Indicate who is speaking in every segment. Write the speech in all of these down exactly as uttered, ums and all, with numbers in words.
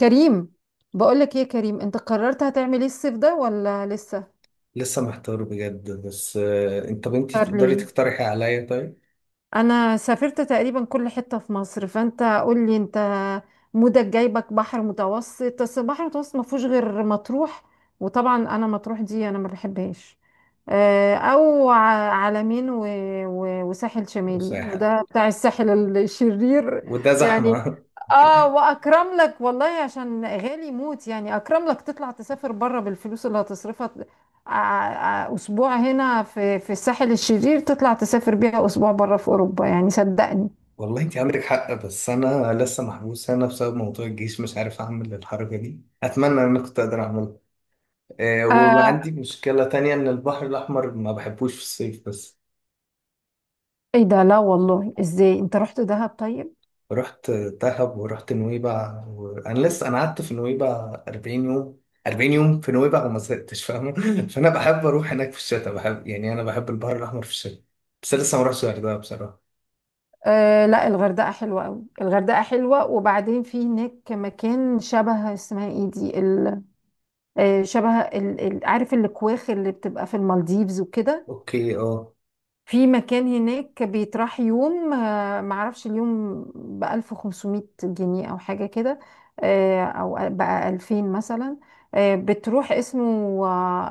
Speaker 1: كريم، بقولك ايه يا كريم، انت قررت هتعمل ايه الصيف ده ولا لسه؟
Speaker 2: لسه محتار بجد، بس آه، انت بنتي
Speaker 1: اختار
Speaker 2: تقدري
Speaker 1: ليه؟
Speaker 2: تقترحي عليا؟ طيب
Speaker 1: انا سافرت تقريبا كل حتة في مصر، فانت قولي انت. مودك جايبك بحر متوسط، بس البحر المتوسط ما فيهوش غير مطروح، وطبعا انا مطروح دي انا ما بحبهاش. آه، او ع- عالمين و- و- وساحل شمالي،
Speaker 2: وساحة،
Speaker 1: وده بتاع الساحل الشرير
Speaker 2: وده
Speaker 1: يعني.
Speaker 2: زحمة.
Speaker 1: اه، واكرم لك والله، عشان غالي موت، يعني اكرم لك تطلع تسافر بره بالفلوس اللي هتصرفها ت- ع- ع- اسبوع هنا في في الساحل الشرير، تطلع تسافر بيها اسبوع بره في اوروبا، يعني صدقني.
Speaker 2: والله انت عندك حق، بس انا لسه محبوس هنا بسبب موضوع الجيش، مش عارف اعمل الحركة دي. اتمنى ان انا كنت اقدر اعملها. آه،
Speaker 1: آه.
Speaker 2: وعندي مشكلة تانية، ان البحر الاحمر ما بحبوش في الصيف بس.
Speaker 1: ايه ده؟ لا والله، ازاي انت رحت دهب طيب؟
Speaker 2: رحت دهب ورحت نويبع، وانا لسه انا قعدت في نويبع أربعين يوم. أربعين يوم في نويبع وما زهقتش، فاهمه؟ فانا بحب اروح هناك في الشتاء، بحب يعني انا بحب البحر الاحمر في الشتاء. بس لسه ما رحتش الغردقه بصراحه.
Speaker 1: آه لا، الغردقه حلوه قوي، الغردقه حلوه. وبعدين في هناك مكان شبه، اسمها ايه دي ال- آه شبه ال- ال- عارف الكواخ اللي بتبقى في المالديفز وكده؟
Speaker 2: اوكي، اه.
Speaker 1: في مكان هناك بيطرح يوم، آه، معرفش اليوم بألف وخمسمية جنيه أو حاجة كده، آه، أو بقى ألفين مثلا. آه، بتروح، اسمه آه،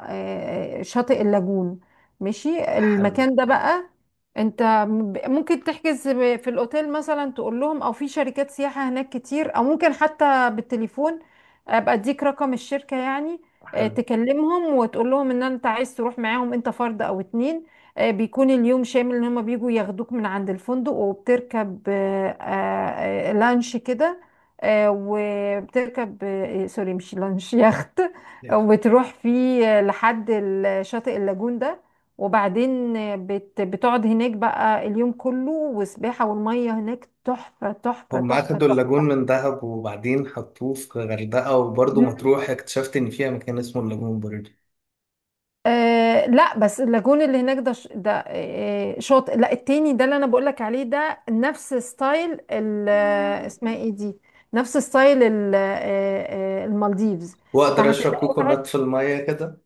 Speaker 1: آه، شاطئ اللاجون. ماشي،
Speaker 2: حلو.
Speaker 1: المكان ده بقى انت ب- ممكن تحجز ب- في الأوتيل مثلا، تقول لهم، أو في شركات سياحة هناك كتير، أو ممكن حتى بالتليفون. أبقى أديك رقم الشركة يعني. آه،
Speaker 2: حلو.
Speaker 1: تكلمهم وتقول لهم إن أنت عايز تروح معاهم، أنت فرد أو اتنين. آه، بيكون اليوم شامل ان هما بيجوا ياخدوك من عند الفندق، وبتركب آه، آه، آه، لانش كده، آه، وبتركب آه، سوري مش لانش، يخت.
Speaker 2: يعني
Speaker 1: وبتروح فيه آه، لحد ال- شاطئ اللاجون ده. وبعدين آه، بت- بتقعد هناك بقى اليوم كله، والسباحة والمية هناك تحفة تحفة
Speaker 2: هم
Speaker 1: تحفة
Speaker 2: اخدوا
Speaker 1: تحفة.
Speaker 2: اللاجون من دهب وبعدين حطوه في غردقه، وبرضه مطروح اكتشفت ان فيها مكان اسمه اللاجون برضه.
Speaker 1: آه لا، بس اللاجون اللي هناك ده ش- ده آه شاطئ، لا التاني ده اللي انا بقولك عليه ده نفس ستايل ال- آه، اسمها ايه دي، نفس ستايل ال- آه، آه، المالديفز.
Speaker 2: واقدر اشرب
Speaker 1: فهتبقى،
Speaker 2: كوكونات في الميه كده؟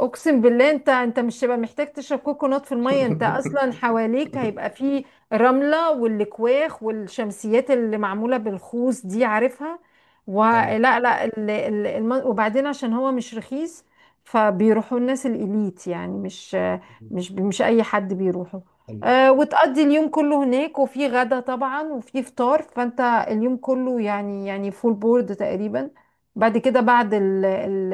Speaker 1: اقسم بالله، انت انت مش هيبقى محتاج تشرب كوكونات في الميه، انت اصلا حواليك هيبقى فيه رمله والكواخ والشمسيات اللي معموله بالخوص دي، عارفها
Speaker 2: حلو.
Speaker 1: ولا لا؟ لا، ال- ال- الم... وبعدين عشان هو مش رخيص، فبيروحوا الناس الاليت، يعني مش مش مش اي حد بيروحوا.
Speaker 2: حلو.
Speaker 1: أه، وتقضي اليوم كله هناك، وفي غدا طبعا وفي فطار، فانت اليوم كله يعني، يعني فول بورد تقريبا. بعد كده، بعد ال... ال...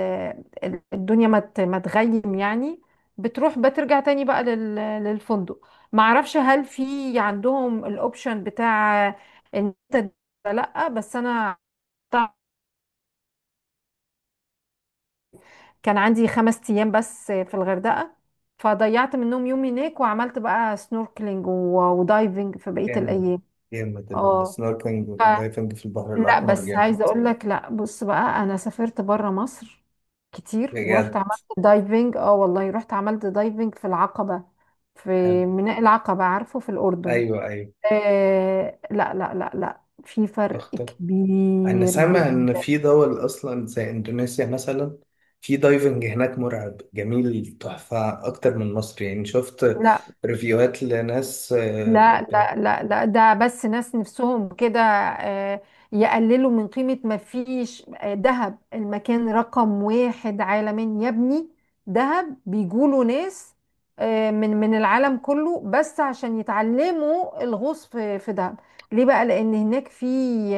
Speaker 1: الدنيا ما ت- ما تغيم يعني، بتروح بترجع تاني بقى لل- للفندق. معرفش هل في عندهم الاوبشن بتاع ان انت، لا بس انا كان عندي خمس ايام بس في الغردقة، فضيعت منهم يوم هناك، وعملت بقى سنوركلينج ودايفنج في بقية
Speaker 2: جامد.
Speaker 1: الايام.
Speaker 2: جامد.
Speaker 1: اه.
Speaker 2: السنوركلينج والدايفنج في البحر
Speaker 1: لا
Speaker 2: الأحمر
Speaker 1: بس
Speaker 2: جامد.
Speaker 1: عايزه اقول لك، لا بص بقى، انا سافرت بره مصر كتير، ورحت
Speaker 2: بجد؟
Speaker 1: عملت دايفنج، اه والله، رحت عملت دايفنج في العقبه، في
Speaker 2: حلو.
Speaker 1: ميناء العقبه، عارفه في الاردن؟
Speaker 2: أيوه أيوه.
Speaker 1: آه لا لا لا لا، في فرق
Speaker 2: أخطر. أنا
Speaker 1: كبير
Speaker 2: سامع إن
Speaker 1: جدا.
Speaker 2: في دول أصلا زي إندونيسيا مثلا في دايفنج هناك مرعب، جميل، تحفة، أكتر من مصر يعني. شفت
Speaker 1: لا
Speaker 2: ريفيوهات لناس، آه،
Speaker 1: لا لا لا لا، ده بس ناس نفسهم كده، آه، يقللوا من قيمة، ما فيش، آه، دهب المكان رقم واحد عالميا يا ابني. دهب بيجوله ناس، آه، من من العالم كله، بس عشان يتعلموا الغوص في في دهب. ليه بقى؟ لأن هناك في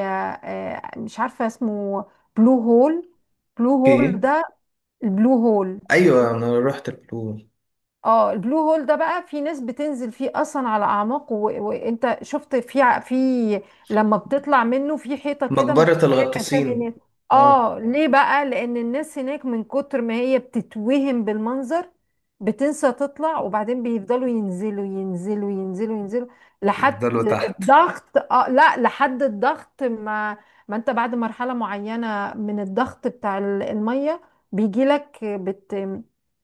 Speaker 1: آه، آه، مش عارفة اسمه، بلو هول. بلو هول
Speaker 2: في.
Speaker 1: ده، البلو هول
Speaker 2: أيوه، أنا رحت البلو.
Speaker 1: اه البلو هول ده بقى في ناس بتنزل فيه اصلا على اعماق، و- وانت شفت في ع- في لما بتطلع منه في حيطه كده
Speaker 2: مقبرة
Speaker 1: مكتوب عليها اسامي
Speaker 2: الغطاسين.
Speaker 1: الناس.
Speaker 2: أه.
Speaker 1: اه ليه بقى؟ لان الناس هناك من كتر ما هي بتتوهم بالمنظر، بتنسى تطلع، وبعدين بيفضلوا ينزلوا ينزلوا ينزلوا ينزلوا لحد
Speaker 2: بيفضلوا تحت.
Speaker 1: الضغط، اه لا لحد الضغط، ما ما انت بعد مرحله معينه من الضغط بتاع ال- الميه بيجي لك،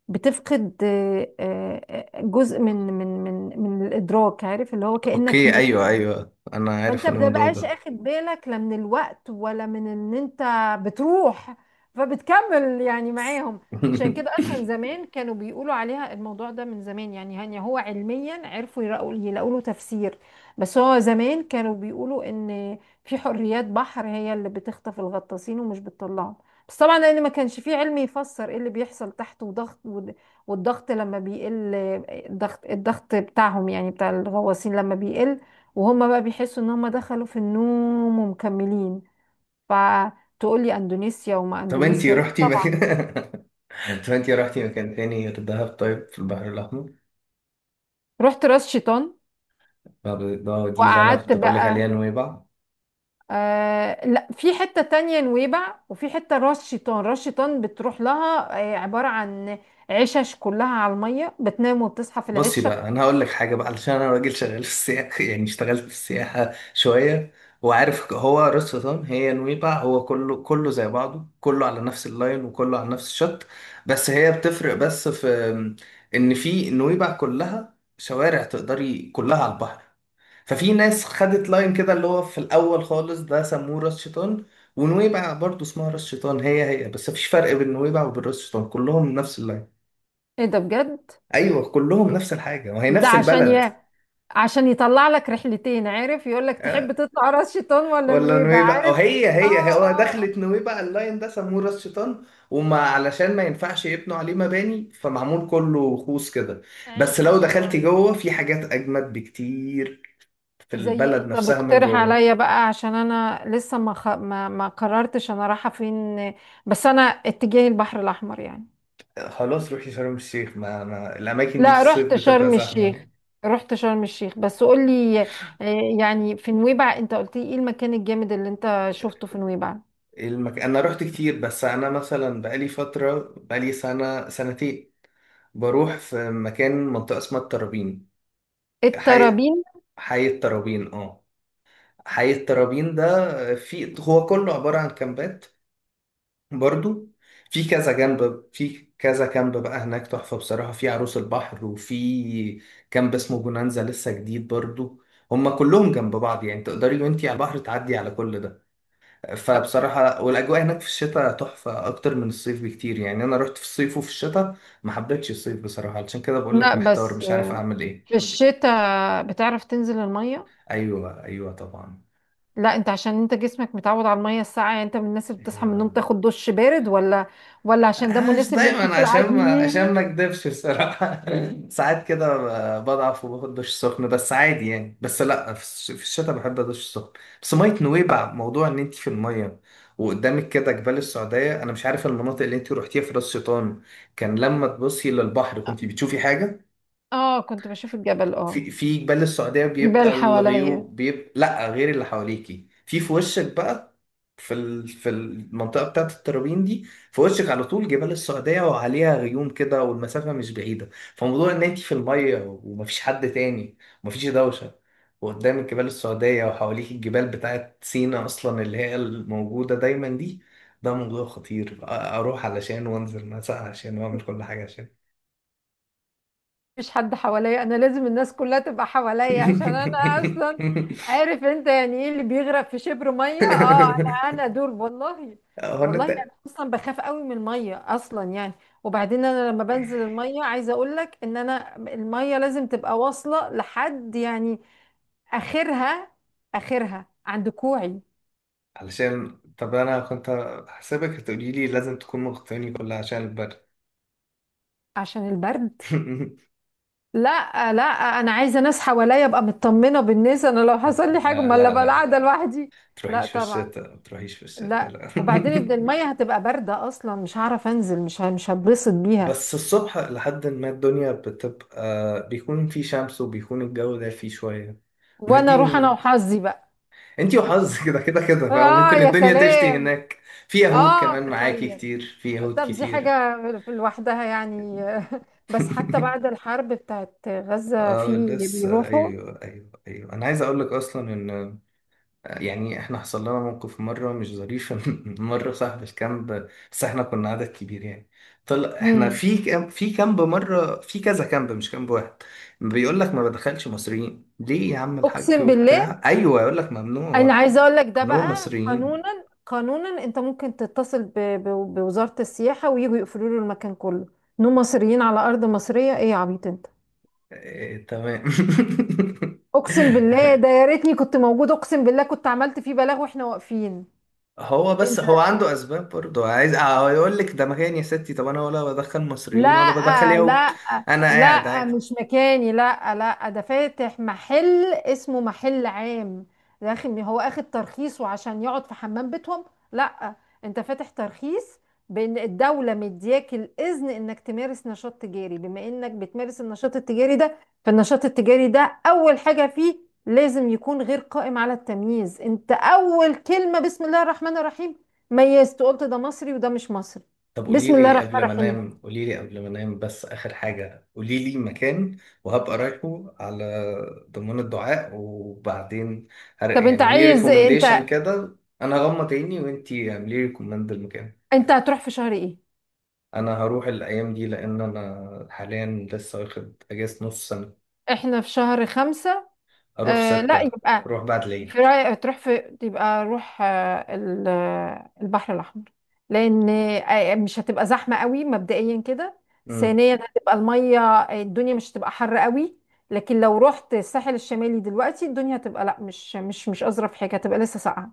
Speaker 1: بتفقد آه، آه، جزء من من من من الادراك، عارف اللي هو كانك،
Speaker 2: أوكي، أيوه أيوه، أنا
Speaker 1: فانت
Speaker 2: عارف الموضوع
Speaker 1: بتبقاش
Speaker 2: ده.
Speaker 1: اخد بالك لا من الوقت ولا من ان انت بتروح، فبتكمل يعني معاهم. عشان كده اصلا زمان كانوا بيقولوا عليها الموضوع ده من زمان، يعني هن هو علميا عرفوا يلاقوا يلاقوا له تفسير، بس هو زمان كانوا بيقولوا ان في حريات بحر هي اللي بتخطف الغطاسين ومش بتطلعهم، بس طبعا لان ما كانش في علم يفسر ايه اللي بيحصل تحت. وضغط، والضغط لما بيقل، الضغط الضغط بتاعهم يعني بتاع الغواصين لما بيقل، وهم بقى بيحسوا ان هم دخلوا في النوم ومكملين. فتقول لي اندونيسيا؟ وما
Speaker 2: طب انتي
Speaker 1: اندونيسيا، لا
Speaker 2: رحتي
Speaker 1: طبعا.
Speaker 2: مكان. طب انتي رحتي مكان تاني غير دهب؟ طيب في البحر الأحمر.
Speaker 1: رحت راس شيطان،
Speaker 2: طب ده دي اللي أنا
Speaker 1: وقعدت
Speaker 2: كنت بقول لك
Speaker 1: بقى،
Speaker 2: عليها، نويبع.
Speaker 1: آه لا في حتة تانية نويبع وفي حتة راس شيطان. راس شيطان بتروح لها آه، عبارة عن عشش كلها على المية، بتنام وبتصحى في
Speaker 2: بصي
Speaker 1: العشة.
Speaker 2: بقى، أنا هقول لك حاجة بقى، علشان أنا راجل شغال في السياحة. يعني اشتغلت في السياحة شوية، وعارف. هو راس شيطان هي نويبع، هو كله كله زي بعضه، كله على نفس اللاين وكله على نفس الشط. بس هي بتفرق بس في، إن في نويبع كلها شوارع تقدري كلها على البحر. ففي ناس خدت لاين كده اللي هو في الاول خالص، ده سموه راس شيطان. ونويبع برضه اسمها راس شيطان، هي هي، بس مفيش فرق بين نويبع وبين راس شيطان، كلهم نفس اللاين.
Speaker 1: ايه ده بجد؟
Speaker 2: ايوه كلهم نفس الحاجه، وهي
Speaker 1: ده
Speaker 2: نفس
Speaker 1: عشان
Speaker 2: البلد.
Speaker 1: يا عشان يطلع لك رحلتين، عارف؟ يقول لك تحب
Speaker 2: أه،
Speaker 1: تطلع راس شيطان ولا
Speaker 2: ولا
Speaker 1: نويبع،
Speaker 2: نويبع،
Speaker 1: عارف.
Speaker 2: وهي
Speaker 1: اه
Speaker 2: هي هي. هو
Speaker 1: اه آه.
Speaker 2: دخلت نويبع، اللاين ده سموه راس شيطان. وما علشان ما ينفعش يبنوا عليه مباني، فمعمول كله خوص كده. بس لو
Speaker 1: عشش.
Speaker 2: دخلت جوه في حاجات اجمد بكتير، في
Speaker 1: زي
Speaker 2: البلد
Speaker 1: ايه؟ طب
Speaker 2: نفسها من
Speaker 1: اقترح
Speaker 2: جوه.
Speaker 1: عليا بقى، عشان انا لسه ما خ... ما... ما قررتش انا رايحه فين، بس انا اتجاهي البحر الاحمر يعني.
Speaker 2: خلاص روحي شرم الشيخ. ما ما الاماكن دي في
Speaker 1: لا
Speaker 2: الصيف
Speaker 1: رحت
Speaker 2: بتبقى
Speaker 1: شرم
Speaker 2: زحمه.
Speaker 1: الشيخ، رحت شرم الشيخ. بس قولي، آه، يعني في نويبع، انت قلت لي ايه المكان الجامد اللي انت شفته في نويبع؟
Speaker 2: المك... انا رحت كتير، بس انا مثلا بقالي فتره، بقالي سنه سنتين بروح في مكان، منطقه اسمها الترابين. حي،
Speaker 1: الترابين.
Speaker 2: حي الترابين، اه. حي الترابين ده، في هو كله عباره عن كامبات برضو. في كذا جنب، في كذا كامب بقى هناك تحفه بصراحه. في عروس البحر، وفي كامب اسمه بونانزا لسه جديد برضو. هما كلهم جنب بعض يعني، تقدري وانتي على البحر تعدي على كل ده. فبصراحة، والأجواء هناك في الشتاء تحفة أكتر من الصيف بكتير. يعني أنا رحت في الصيف وفي الشتاء، ما حبيتش الصيف بصراحة. علشان كده بقول لك
Speaker 1: لا
Speaker 2: محتار،
Speaker 1: بس
Speaker 2: مش عارف
Speaker 1: آه،
Speaker 2: أعمل إيه.
Speaker 1: في الشتاء بتعرف تنزل المية؟
Speaker 2: أيوه أيوه طبعا.
Speaker 1: لا انت عشان انت جسمك متعود على المية الساقعة، يعني انت من الناس اللي بتصحى من النوم
Speaker 2: أيوه.
Speaker 1: تاخد دش بارد ولا ولا، عشان ده
Speaker 2: مش
Speaker 1: مناسب للناس
Speaker 2: دايما، عشان ما
Speaker 1: العاديين.
Speaker 2: عشان ما أكدبش بصراحة. ساعات كده ب- بضعف وباخد دش سخن، بس عادي يعني. بس لأ، في الش- في الشتاء بحب أدش سخن. بس مية نويبع، موضوع إن أنت في المية وقدامك كده جبال السعودية. أنا مش عارف المناطق اللي أنت روحتيها في راس شيطان، كان لما تبصي للبحر كنت بتشوفي حاجة؟
Speaker 1: اه كنت بشوف الجبل،
Speaker 2: في
Speaker 1: اه،
Speaker 2: في جبال السعودية بيبقى
Speaker 1: جبال حواليا.
Speaker 2: الغيوم، بيبقى لا غير اللي حواليكي في في وشك بقى. في ال... في المنطقة بتاعت الترابين دي، في وشك على طول جبال السعودية وعليها غيوم كده، والمسافة مش بعيدة. فموضوع ان انت في المية، ومفيش حد تاني، ومفيش دوشة، وقدامك جبال السعودية، وحواليك الجبال بتاعت سينا أصلا اللي هي الموجودة دايما دي، ده موضوع خطير. أ- أروح علشان، وأنزل مساء عشان، وأعمل كل حاجة عشان.
Speaker 1: مفيش حد حواليا؟ انا لازم الناس كلها تبقى حواليا عشان انا اصلا، عارف انت يعني ايه اللي بيغرق في شبر ميه؟ اه انا، انا دول والله.
Speaker 2: هو
Speaker 1: والله
Speaker 2: انت؟
Speaker 1: انا اصلا بخاف قوي من الميه اصلا يعني. وبعدين انا لما بنزل الميه، عايزه اقول لك ان انا الميه لازم تبقى واصله لحد، يعني اخرها اخرها عند كوعي.
Speaker 2: علشان طب انا كنت حاسبك هتقولي لي لازم تكون مغطيني كلها عشان البرد.
Speaker 1: عشان البرد؟ لا لا، انا عايزه ناس حواليا، ابقى مطمنه بالناس، انا لو حصل لي حاجه
Speaker 2: لا
Speaker 1: ما، لا
Speaker 2: لا
Speaker 1: بقى
Speaker 2: لا،
Speaker 1: قاعده لوحدي. لا
Speaker 2: تروحيش في
Speaker 1: طبعا.
Speaker 2: الشتاء، تروحيش في الشتاء
Speaker 1: لا،
Speaker 2: لا.
Speaker 1: وبعدين الميه هتبقى بارده اصلا، مش هعرف انزل، مش ه- مش هتبسط بيها.
Speaker 2: بس الصبح لحد ما الدنيا بتبقى، بيكون في شمس وبيكون الجو ده فيه شوية. ما هي دي،
Speaker 1: وانا اروح انا وحظي بقى.
Speaker 2: انتي وحظك، كده كده كده،
Speaker 1: اه
Speaker 2: فممكن
Speaker 1: يا
Speaker 2: الدنيا تشتي
Speaker 1: سلام.
Speaker 2: هناك. في يهود
Speaker 1: اه
Speaker 2: كمان معاكي
Speaker 1: تخيل.
Speaker 2: كتير، في يهود
Speaker 1: طب دي حاجه
Speaker 2: كتير.
Speaker 1: في لوحدها يعني. بس حتى بعد الحرب بتاعت غزه في
Speaker 2: اه لسه،
Speaker 1: بيروحوا.
Speaker 2: ايوه ايوه ايوه. انا عايز اقول لك اصلا ان، يعني احنا حصل لنا موقف مرة مش ظريف. إن مرة صاحب الكامب، بس احنا كنا عدد كبير يعني. طلع احنا
Speaker 1: مم.
Speaker 2: في كامب، في كامب مرة في كذا كامب، مش كامب واحد، بيقول لك ما بدخلش مصريين. ليه يا عم
Speaker 1: اقسم
Speaker 2: الحاج؟
Speaker 1: بالله.
Speaker 2: وبتاع، ايوه، يقول لك
Speaker 1: انا
Speaker 2: ممنوع.
Speaker 1: عايزه اقول لك ده
Speaker 2: ممنوع
Speaker 1: بقى قانونا،
Speaker 2: مصريين.
Speaker 1: قانونا انت ممكن تتصل ب- ب- بوزاره السياحه، ويجوا يقفلوا له المكان كله، انهم مصريين على ارض مصريه، ايه يا عبيط انت؟
Speaker 2: إيه؟ تمام.
Speaker 1: اقسم بالله، ده يا ريتني كنت موجود، اقسم بالله كنت عملت فيه بلاغ واحنا واقفين.
Speaker 2: هو بس هو عنده اسباب برضه، عايز اه يقول لك ده مكان يا ستي، طب انا ولا بدخل مصريين ولا بدخل
Speaker 1: لا
Speaker 2: يهود،
Speaker 1: لا
Speaker 2: انا قاعد.
Speaker 1: لا، مش مكاني، لا لا، ده فاتح محل، اسمه محل عام. يا اخي، هو اخد ترخيص وعشان يقعد في حمام بيتهم؟ لا، انت فاتح ترخيص، بان الدولة مدياك الاذن انك تمارس نشاط تجاري، بما انك بتمارس النشاط التجاري ده، فالنشاط التجاري ده اول حاجة فيه لازم يكون غير قائم على التمييز. انت اول كلمة بسم الله الرحمن الرحيم ميزت، قلت ده مصري وده مش مصري.
Speaker 2: طب قولي
Speaker 1: بسم الله
Speaker 2: لي
Speaker 1: الرحمن
Speaker 2: قبل ما
Speaker 1: الرحيم.
Speaker 2: انام، قولي لي قبل ما انام بس اخر حاجه، قولي لي مكان وهبقى رايحه على ضمان الدعاء. وبعدين هر...
Speaker 1: طب انت
Speaker 2: يعني مي
Speaker 1: عايز،
Speaker 2: ريكومنديشن
Speaker 1: انت
Speaker 2: كده. انا هغمض عيني، وانتي اعملي ريكومند المكان.
Speaker 1: انت هتروح في شهر ايه؟
Speaker 2: انا هروح الايام دي، لان انا حاليا لسه واخد اجازه نص سنه.
Speaker 1: احنا في شهر خمسة.
Speaker 2: اروح
Speaker 1: آه لا
Speaker 2: ستة؟
Speaker 1: يبقى،
Speaker 2: اروح بعد
Speaker 1: في
Speaker 2: العيد.
Speaker 1: رأيك تروح في، يبقى روح آه ال- آه، البحر الأحمر. لأن آه، مش هتبقى زحمة قوي مبدئيا كده،
Speaker 2: امم.
Speaker 1: ثانيا هتبقى المية، آه، الدنيا مش هتبقى حر قوي. لكن لو رحت الساحل الشمالي دلوقتي، الدنيا هتبقى، لا مش مش مش أظرف حاجة، هتبقى لسه ساقعة.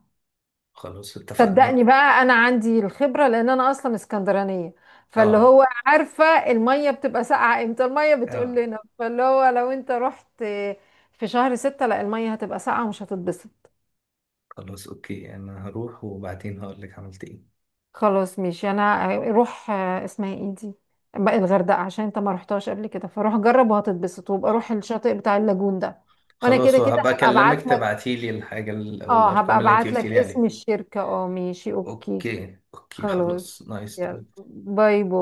Speaker 2: خلاص
Speaker 1: صدقني
Speaker 2: اتفقنا.
Speaker 1: بقى، انا عندي الخبره، لان انا اصلا اسكندرانيه، فاللي
Speaker 2: اه
Speaker 1: هو عارفه الميه بتبقى ساقعه امتى، الميه بتقول
Speaker 2: اه.
Speaker 1: لنا. فاللي هو لو انت رحت في شهر ستة، لا الميه هتبقى ساقعه، ومش هتتبسط.
Speaker 2: خلاص اوكي، انا هروح وبعدين هقول لك عملت ايه.
Speaker 1: خلاص ماشي، انا روح آه، اسمها ايه دي بقى، الغردقه، عشان انت ما رحتهاش قبل كده، فروح جرب وهتتبسط، وابقى روح الشاطئ بتاع اللاجون ده. وانا
Speaker 2: خلاص،
Speaker 1: كده كده
Speaker 2: وهبقى
Speaker 1: هبقى
Speaker 2: اكلمك
Speaker 1: ابعت لك،
Speaker 2: تبعتيلي الحاجة ال- او
Speaker 1: اه هبقى
Speaker 2: الارقام اللي انتي
Speaker 1: ابعت لك
Speaker 2: قلتيلي عليها.
Speaker 1: اسم الشركه، اه ماشي اوكي.
Speaker 2: اوكي اوكي، خلاص،
Speaker 1: خلاص،
Speaker 2: نايس.
Speaker 1: يلا باي باي.